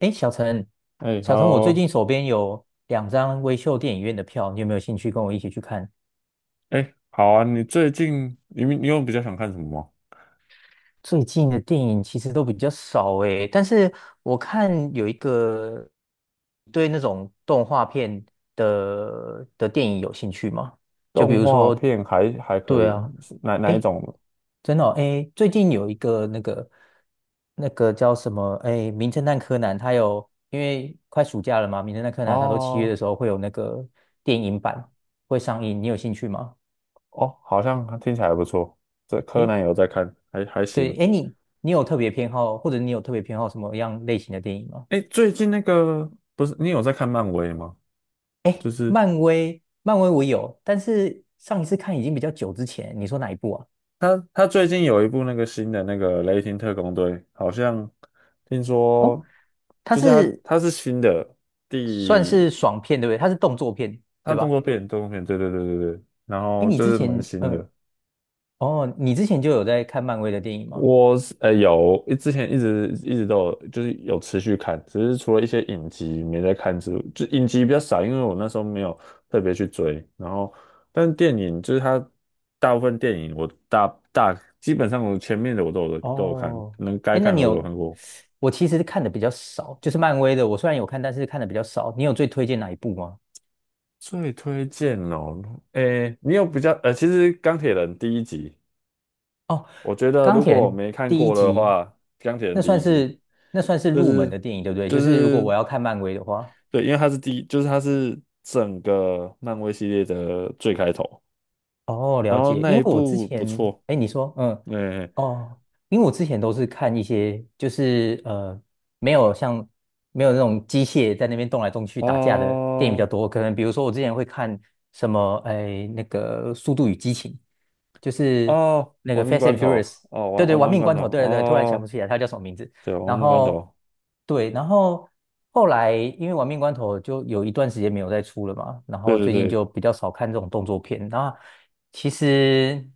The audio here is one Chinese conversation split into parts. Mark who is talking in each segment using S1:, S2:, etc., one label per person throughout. S1: 哎，小陈，
S2: 哎
S1: 我最
S2: ，Hello，
S1: 近手边有两张微秀电影院的票，你有没有兴趣跟我一起去看？
S2: 哎，好啊，你最近你你有比较想看什么吗？
S1: 最近的电影其实都比较少诶，但是我看有一个，对那种动画片的电影有兴趣吗？就比
S2: 动
S1: 如
S2: 画
S1: 说，
S2: 片还可
S1: 对
S2: 以，
S1: 啊，
S2: 是哪一
S1: 诶，
S2: 种？
S1: 真的哦，诶，最近有一个那个，那个叫什么诶，《名侦探柯南》，它有因为快暑假了嘛，《名侦探柯南》它都七月
S2: 哦
S1: 的时候会有那个电影版会上映，你有兴趣吗？
S2: 哦，好像听起来还不错。这柯
S1: 诶
S2: 南有在看，还
S1: 对，
S2: 行。
S1: 哎，你有特别偏好，或者你有特别偏好什么样类型的电影吗？
S2: 哎，最近那个不是你有在看漫威吗？
S1: 哎，
S2: 就是
S1: 漫威，漫威我有，但是上一次看已经比较久之前，你说哪一部啊？
S2: 他最近有一部那个新的那个《雷霆特工队》，好像听
S1: 哦，
S2: 说
S1: 它
S2: 就是他
S1: 是
S2: 他是新的
S1: 算
S2: 第
S1: 是爽片，对不对？它是动作片，对
S2: 动
S1: 吧？
S2: 作片动作片，对对对对对，然
S1: 哎，
S2: 后
S1: 你
S2: 就
S1: 之
S2: 是蛮
S1: 前，
S2: 新的。
S1: 哦，你之前就有在看漫威的电影吗？
S2: 我是有之前一直都有，就是有持续看，只是除了一些影集没在看，就影集比较少，因为我那时候没有特别去追。然后，但是电影就是它大部分电影我大大基本上我前面的我都有看，
S1: 哦，
S2: 能该
S1: 哎，那
S2: 看
S1: 你
S2: 的我都有
S1: 有，
S2: 看过。
S1: 我其实看的比较少，就是漫威的，我虽然有看，但是看的比较少。你有最推荐哪一部吗？
S2: 最推荐哦，诶，你有比较其实《钢铁人》第一集，
S1: 哦，
S2: 我觉得
S1: 钢
S2: 如
S1: 铁
S2: 果我
S1: 人
S2: 没看
S1: 第一
S2: 过的
S1: 集，
S2: 话，《钢铁人》
S1: 那
S2: 第
S1: 算
S2: 一集
S1: 是那算是
S2: 就
S1: 入门
S2: 是
S1: 的电影，对不对？
S2: 就
S1: 就是如果
S2: 是
S1: 我要看漫威的话，
S2: 对，因为它是第一，就是它是整个漫威系列的最开头，
S1: 哦，了
S2: 然后
S1: 解。
S2: 那
S1: 因
S2: 一
S1: 为我之
S2: 部不
S1: 前，
S2: 错，
S1: 哎，你说，
S2: 嗯，
S1: 哦，因为我之前都是看一些，就是，没有像没有那种机械在那边动来动去打架的电影比较
S2: 哦
S1: 多。可能比如说我之前会看什么，哎，那个《速度与激情》，就是
S2: 哦，
S1: 那个
S2: 亡命
S1: 《Fast
S2: 关
S1: and Furious》，
S2: 头，哦，
S1: 对
S2: 亡
S1: 对，
S2: 亡
S1: 《玩
S2: 亡命
S1: 命
S2: 关
S1: 关
S2: 头，
S1: 头》，对对对，突然想不
S2: 哦，
S1: 起来它叫什么名字。
S2: 对，亡
S1: 然
S2: 命关
S1: 后
S2: 头，
S1: 对，然后后来因为《玩命关头》就有一段时间没有再出了嘛，然
S2: 对
S1: 后
S2: 对
S1: 最近
S2: 对
S1: 就比较少看这种动作片。然后其实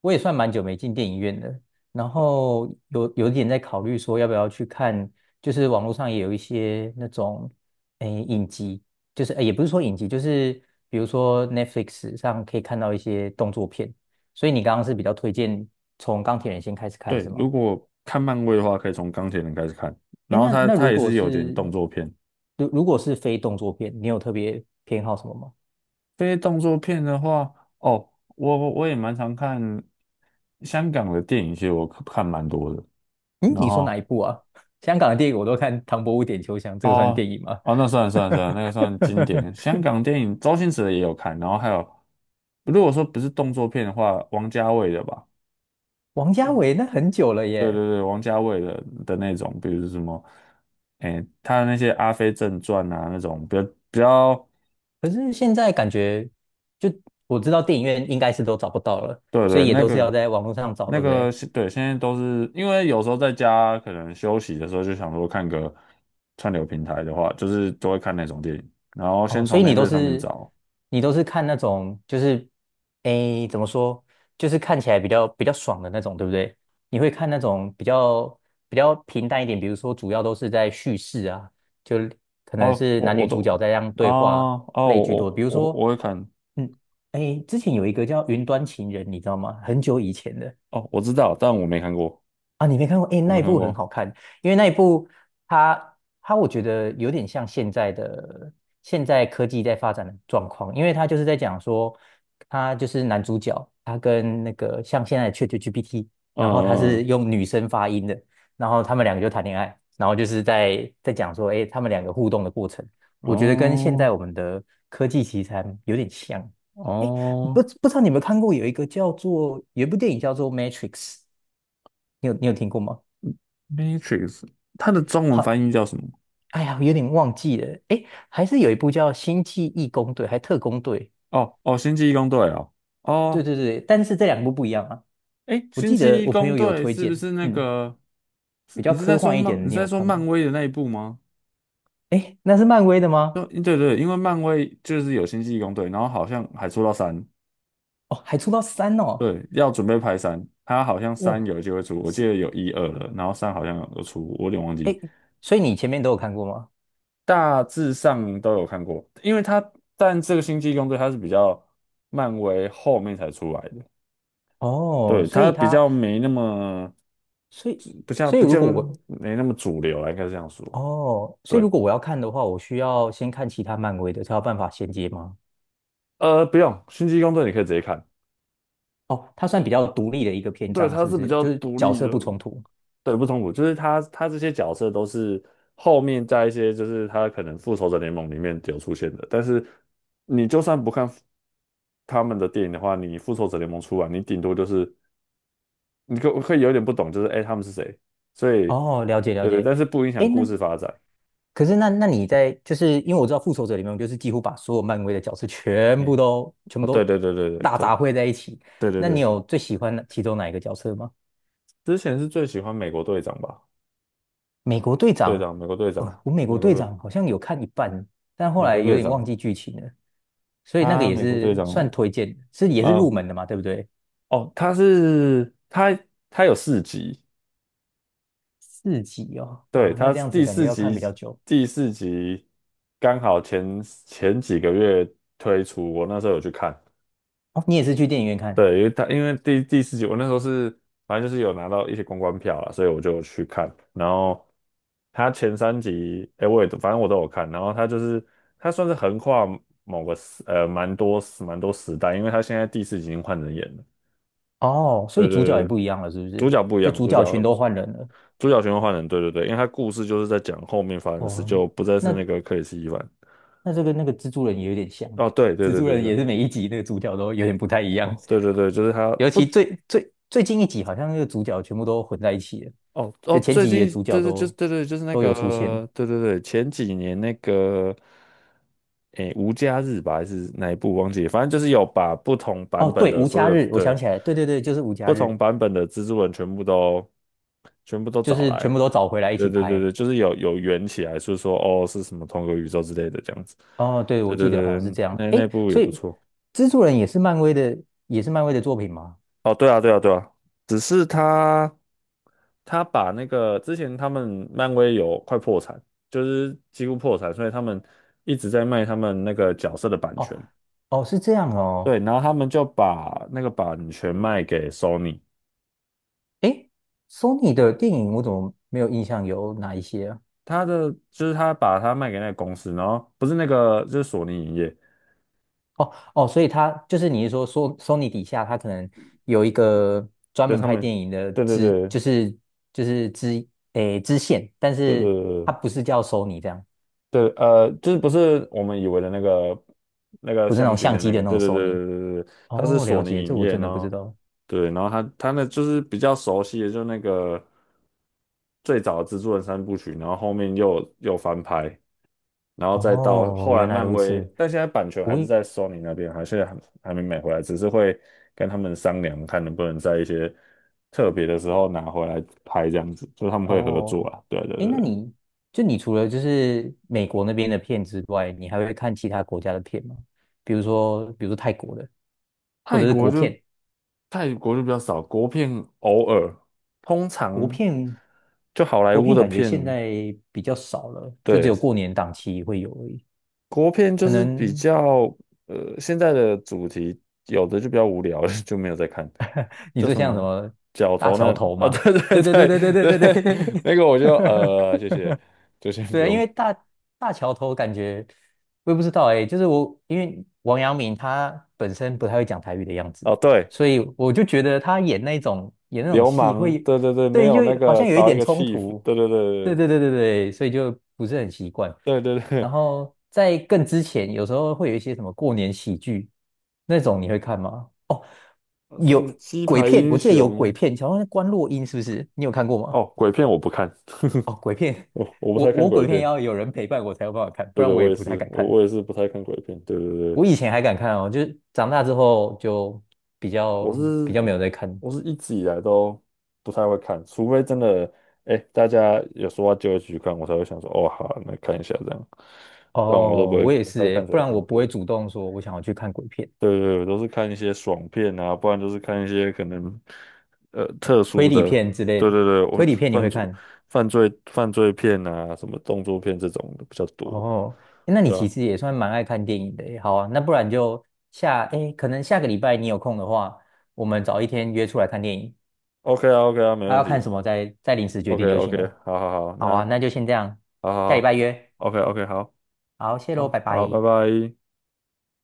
S1: 我也算蛮久没进电影院的，然后有点在考虑说要不要去看，就是网络上也有一些那种诶影集，就是诶也不是说影集，就是比如说 Netflix 上可以看到一些动作片。所以你刚刚是比较推荐从钢铁人先开始看
S2: 对，
S1: 是吗？
S2: 如果看漫威的话，可以从钢铁人开始看，然
S1: 哎，
S2: 后
S1: 那
S2: 它
S1: 那
S2: 它
S1: 如
S2: 也
S1: 果
S2: 是有点
S1: 是，
S2: 动作片，
S1: 如果是非动作片，你有特别偏好什么吗？
S2: 非动作片的话，哦，我也蛮常看香港的电影，其实我看蛮多的，
S1: 嗯，
S2: 然
S1: 你说哪
S2: 后。
S1: 一部啊？香港的电影我都看《唐伯虎点秋香》，这个算
S2: 哦
S1: 电影吗？
S2: 哦，那算了算了算了，那个算经典。香港电影周星驰的也有看，然后还有，如果说不是动作片的话，王家卫的吧？
S1: 王家卫那很久了
S2: 对
S1: 耶，
S2: 对对，王家卫的那种，比如什么，哎，他的那些《阿飞正传》啊，那种比较，
S1: 可是现在感觉就我知道电影院应该是都找不到了，
S2: 对
S1: 所
S2: 对，
S1: 以也
S2: 那
S1: 都是要
S2: 个
S1: 在网络上找，
S2: 那
S1: 对不
S2: 个
S1: 对？
S2: 是对，现在都是因为有时候在家可能休息的时候就想说看个串流平台的话，就是都会看那种电影，然后
S1: 哦，
S2: 先
S1: 所
S2: 从
S1: 以
S2: Netflix 上面找。
S1: 你都是看那种就是诶，怎么说，就是看起来比较爽的那种，对不对？你会看那种比较平淡一点，比如说主要都是在叙事啊，就可能
S2: 哦，
S1: 是
S2: 我
S1: 男
S2: 我
S1: 女主角
S2: 都
S1: 在这样
S2: 啊
S1: 对话
S2: 哦，
S1: 类
S2: 我
S1: 居多。
S2: 我
S1: 比如
S2: 我
S1: 说，
S2: 我会看
S1: 嗯，诶，之前有一个叫《云端情人》，你知道吗？很久以前的，
S2: 哦，我知道，但我没看过，
S1: 啊，你没看过？诶，
S2: 我
S1: 那
S2: 没
S1: 一
S2: 看
S1: 部很
S2: 过。
S1: 好看，因为那一部它它我觉得有点像现在的，现在科技在发展的状况，因为它就是在讲说，他就是男主角，他跟那个像现在的 ChatGPT，然后他
S2: 嗯
S1: 是
S2: 嗯，
S1: 用女生发音的，然后他们两个就谈恋爱，然后就是在讲说，诶，他们两个互动的过程，
S2: 嗯
S1: 我觉得跟现
S2: 哦
S1: 在我们的科技题材有点像。诶，
S2: 哦
S1: 不知道你有没有看过有一个叫做，有一部电影叫做《Matrix》，你有听过吗？
S2: ，Matrix，它的中文翻
S1: 好，
S2: 译叫什么？
S1: 哎呀，有点忘记了。哎，还是有一部叫《星际义工队》还《特工队》，
S2: 哦哦，星际义工队哦
S1: 对
S2: 哦，
S1: 对对，但是这两部不一样啊。
S2: 诶，
S1: 我
S2: 星
S1: 记
S2: 际
S1: 得
S2: 义
S1: 我朋
S2: 工
S1: 友有
S2: 队
S1: 推
S2: 是不
S1: 荐，
S2: 是那
S1: 嗯，
S2: 个？是，
S1: 比较科幻一点的，
S2: 你是
S1: 你
S2: 在
S1: 有
S2: 说
S1: 看
S2: 漫
S1: 吗？
S2: 威的那一部吗？
S1: 哎，那是漫威的吗？
S2: 对对对，因为漫威就是有星际义工队，然后好像还出到三。
S1: 哦，还出到三哦，
S2: 对，要准备拍三，它好像三
S1: 哇，
S2: 有机会出，我记
S1: 是
S2: 得有一二了，然后三好像有出，我有点忘
S1: 哎，
S2: 记，
S1: 诶所以你前面都有看过吗？
S2: 大致上都有看过，因为它但这个星际异攻队它是比较漫威后面才出来的，
S1: 哦，
S2: 对，
S1: 所
S2: 它
S1: 以
S2: 比
S1: 他，
S2: 较没那么
S1: 所以
S2: 不像
S1: 所以
S2: 不
S1: 如
S2: 叫
S1: 果我，
S2: 没那么主流啊，应该是这样说，
S1: 哦，所以
S2: 对，
S1: 如果我要看的话，我需要先看其他漫威的，才有办法衔接吗？
S2: 不用，星际异攻队你可以直接看，
S1: 哦，它算比较独立的一个篇
S2: 对，
S1: 章，
S2: 它
S1: 是不
S2: 是比
S1: 是？
S2: 较
S1: 就是
S2: 独
S1: 角
S2: 立
S1: 色
S2: 的，
S1: 不冲突。
S2: 对，不冲突，就是他这些角色都是后面在一些就是他可能复仇者联盟里面有出现的，但是你就算不看他们的电影的话，你复仇者联盟出来，你顶多就是你可以有点不懂，就是哎、诶他们是谁，所以
S1: 哦，了解了
S2: 对对，
S1: 解。
S2: 但是不影响
S1: 诶，那
S2: 故事发展。
S1: 可是那你在，就是因为我知道复仇者联盟就是几乎把所有漫威的角色全部
S2: 哎、
S1: 都全
S2: 哦
S1: 部
S2: 对
S1: 都
S2: 对对对对
S1: 大
S2: 对
S1: 杂烩在一起。
S2: 对对
S1: 那你
S2: 对，
S1: 有最喜欢哪其中哪一个角色吗？
S2: 之前是最喜欢美国队长吧，
S1: 美国队
S2: 队
S1: 长，
S2: 长美国队长
S1: 呃，我美
S2: 美
S1: 国
S2: 国
S1: 队
S2: 队
S1: 长好像有看一半，但后
S2: 美
S1: 来
S2: 国
S1: 有
S2: 队
S1: 点忘
S2: 长，
S1: 记剧情了，所以那个
S2: 他
S1: 也
S2: 美国队
S1: 是算
S2: 长
S1: 推荐，是也
S2: 啊、
S1: 是入
S2: 呃
S1: 门的嘛，对不对？
S2: 哦，他是他他有四集，
S1: 四集哦，
S2: 对，
S1: 哇，那
S2: 他
S1: 这样子
S2: 第
S1: 感觉
S2: 四
S1: 要看
S2: 集
S1: 比较久。
S2: 第四集刚好前几个月推出，我那时候有去看，
S1: 哦，你也是去电影院看，
S2: 对，因为他因为第四集我那时候是反正就是有拿到一些公关票啦，所以我就去看，然后他前3集，哎，我也都反正我都有看，然后他就是他算是横跨某个时呃蛮多蛮多时代，因为他现在第四集已经换人演了，
S1: 哦，所
S2: 对
S1: 以主角
S2: 对
S1: 也
S2: 对，
S1: 不一样了，是不
S2: 主
S1: 是？
S2: 角不一
S1: 就
S2: 样，
S1: 主
S2: 主
S1: 角群
S2: 角。
S1: 都换人了。
S2: 主角循环换人，对对对，因为他故事就是在讲后面发生的事，
S1: 哦，
S2: 就不再是
S1: 那
S2: 那个克里斯·伊凡。
S1: 那这个那个蜘蛛人也有点像，
S2: 哦，对对
S1: 蜘
S2: 对
S1: 蛛
S2: 对
S1: 人
S2: 对，
S1: 也是每一集那个主角都有点不太一样，
S2: 哦，对对对，就是他
S1: 尤其
S2: 不
S1: 最近一集好像那个主角全部都混在一起了，
S2: 哦哦，
S1: 就前
S2: 最
S1: 几集的
S2: 近
S1: 主角
S2: 对对，就是
S1: 都
S2: 对对，就是那
S1: 都有出现。
S2: 个对对对，前几年那个，诶，无家日吧，还是哪一部忘记了反正就是有把不同版
S1: 哦，
S2: 本
S1: 对，
S2: 的
S1: 无
S2: 所
S1: 家
S2: 有
S1: 日，我想
S2: 的
S1: 起来了，对对对，就是无家
S2: 不
S1: 日，
S2: 同版本的蜘蛛人全部都
S1: 就
S2: 找
S1: 是全
S2: 来，
S1: 部都找回来一
S2: 对
S1: 起
S2: 对对
S1: 拍。
S2: 对，就是有圆起来，就是说哦是什么同个宇宙之类的这样子，
S1: 哦，对，我
S2: 对对
S1: 记得好
S2: 对，
S1: 像是
S2: 对
S1: 这样。
S2: 那
S1: 诶，
S2: 部也
S1: 所
S2: 不
S1: 以
S2: 错。
S1: 蜘蛛人也是漫威的，也是漫威的作品吗？
S2: 哦，对啊对啊对啊，只是他。他把那个之前他们漫威有快破产，就是几乎破产，所以他们一直在卖他们那个角色的版
S1: 哦
S2: 权。
S1: 哦，是这样
S2: 对，
S1: 哦。
S2: 然后他们就把那个版权卖给 Sony，
S1: 诶，Sony 的电影我怎么没有印象有哪一些啊？
S2: 他的就是他把它卖给那个公司，然后不是那个就是索尼影业，
S1: 哦哦，所以它就是你是说，Sony 底下它可能有一个专
S2: 对
S1: 门
S2: 他
S1: 拍
S2: 们，
S1: 电影的
S2: 对对
S1: 支，
S2: 对
S1: 就是诶支线，但
S2: 对对
S1: 是
S2: 对
S1: 它
S2: 对，
S1: 不是叫 Sony 这样，
S2: 对，就是不是我们以为的那个
S1: 不是那
S2: 相
S1: 种
S2: 机
S1: 相
S2: 的
S1: 机
S2: 那
S1: 的
S2: 个，
S1: 那
S2: 对
S1: 种
S2: 对对
S1: Sony。
S2: 对对对，对它是
S1: 哦，
S2: 索
S1: 了解，
S2: 尼
S1: 这
S2: 影
S1: 我
S2: 业，
S1: 真
S2: 然
S1: 的不知
S2: 后
S1: 道。
S2: 对，然后他那就是比较熟悉的，就那个最早的蜘蛛人三部曲，然后后面又翻拍，然后再到
S1: 哦，
S2: 后来
S1: 原来
S2: 漫
S1: 如
S2: 威，
S1: 此。
S2: 但现在版权还
S1: 我
S2: 是
S1: 以
S2: 在 Sony 那边，还是没买回来，只是会跟他们商量，看能不能在一些特别的时候拿回来拍这样子，就是他们会合
S1: 哦，
S2: 作啊，对啊对
S1: 哎，
S2: 对
S1: 那
S2: 对。
S1: 你就你除了就是美国那边的片之外，你还会看其他国家的片吗？比如说，比如说泰国的，或
S2: 泰
S1: 者是
S2: 国
S1: 国
S2: 就
S1: 片，
S2: 泰国就比较少，国片偶尔，通
S1: 国
S2: 常
S1: 片，
S2: 就好莱
S1: 国
S2: 坞
S1: 片
S2: 的
S1: 感觉现
S2: 片，
S1: 在比较少了，就只
S2: 对，
S1: 有过年档期会有而已。
S2: 国片就
S1: 可
S2: 是比
S1: 能
S2: 较现在的主题，有的就比较无聊了 就没有在看，
S1: 你
S2: 叫
S1: 说
S2: 什
S1: 像什
S2: 么
S1: 么
S2: 角
S1: 大
S2: 头那
S1: 桥头
S2: 啊、
S1: 吗？
S2: 对对
S1: 对对对对对
S2: 对
S1: 对对
S2: 对，
S1: 对，
S2: 那个我就谢谢，就先 不
S1: 对啊，因
S2: 用
S1: 为大桥头感觉我也不知道，哎、就是我因为王阳明他本身不太会讲台语的样子，
S2: 哦，对，
S1: 所以我就觉得他演那种
S2: 流
S1: 戏
S2: 氓，
S1: 会，
S2: 对对对，没
S1: 对，
S2: 有那
S1: 就好
S2: 个
S1: 像有一
S2: 少一
S1: 点
S2: 个
S1: 冲
S2: chief，
S1: 突，
S2: 对对
S1: 对
S2: 对
S1: 对对对对，所以就不是很习惯。
S2: 对对对，
S1: 然
S2: 对，
S1: 后在更之前，有时候会有一些什么过年喜剧那种，你会看吗？哦，
S2: 说什
S1: 有
S2: 么鸡
S1: 鬼
S2: 排
S1: 片，
S2: 英
S1: 我记得有鬼
S2: 雄。
S1: 片，好像是关洛英是不是？你有看过吗？
S2: 哦，鬼片我不看，
S1: 片
S2: 我不
S1: 我，
S2: 太看鬼
S1: 鬼片
S2: 片。
S1: 要有人陪伴我才有办法看，不
S2: 对
S1: 然
S2: 对，
S1: 我
S2: 我
S1: 也
S2: 也
S1: 不太
S2: 是，
S1: 敢
S2: 我
S1: 看。
S2: 我也是不太看鬼片。对对对，
S1: 我以前还敢看哦，就是长大之后就比
S2: 我
S1: 较
S2: 是
S1: 比较没
S2: 一
S1: 有在看。
S2: 我是一直以来都不太会看，除非真的，哎，大家有说话就一起去看，我才会想说，哦，好啊，那看一下这样，不然我都不
S1: 哦，
S2: 会，
S1: 我也
S2: 不太
S1: 是
S2: 会
S1: 诶，
S2: 看鬼
S1: 不然
S2: 片。
S1: 我不会
S2: 对
S1: 主动说我想要去看鬼片、
S2: 对对，对我都是看一些爽片啊，不然就是看一些可能特
S1: 推
S2: 殊
S1: 理
S2: 的。
S1: 片之类
S2: 对
S1: 的。
S2: 对对，我
S1: 推理片你
S2: 犯
S1: 会
S2: 罪
S1: 看？
S2: 犯罪片啊，什么动作片这种的比较多。
S1: 哦，诶那你
S2: 对
S1: 其
S2: 啊。
S1: 实也算蛮爱看电影的耶，好啊，那不然就下，诶，可能下个礼拜你有空的话，我们找一天约出来看电影。
S2: OK 啊，OK 啊，没
S1: 啊，
S2: 问
S1: 要看
S2: 题。
S1: 什么再临时决
S2: OK
S1: 定就
S2: OK，
S1: 行了。
S2: 好好好，
S1: 好啊，
S2: 那
S1: 那就先这样，
S2: 好
S1: 下礼
S2: 好
S1: 拜
S2: 好
S1: 约。
S2: ，OK OK，好
S1: 好，谢喽，拜
S2: 好好，拜
S1: 拜。
S2: 拜。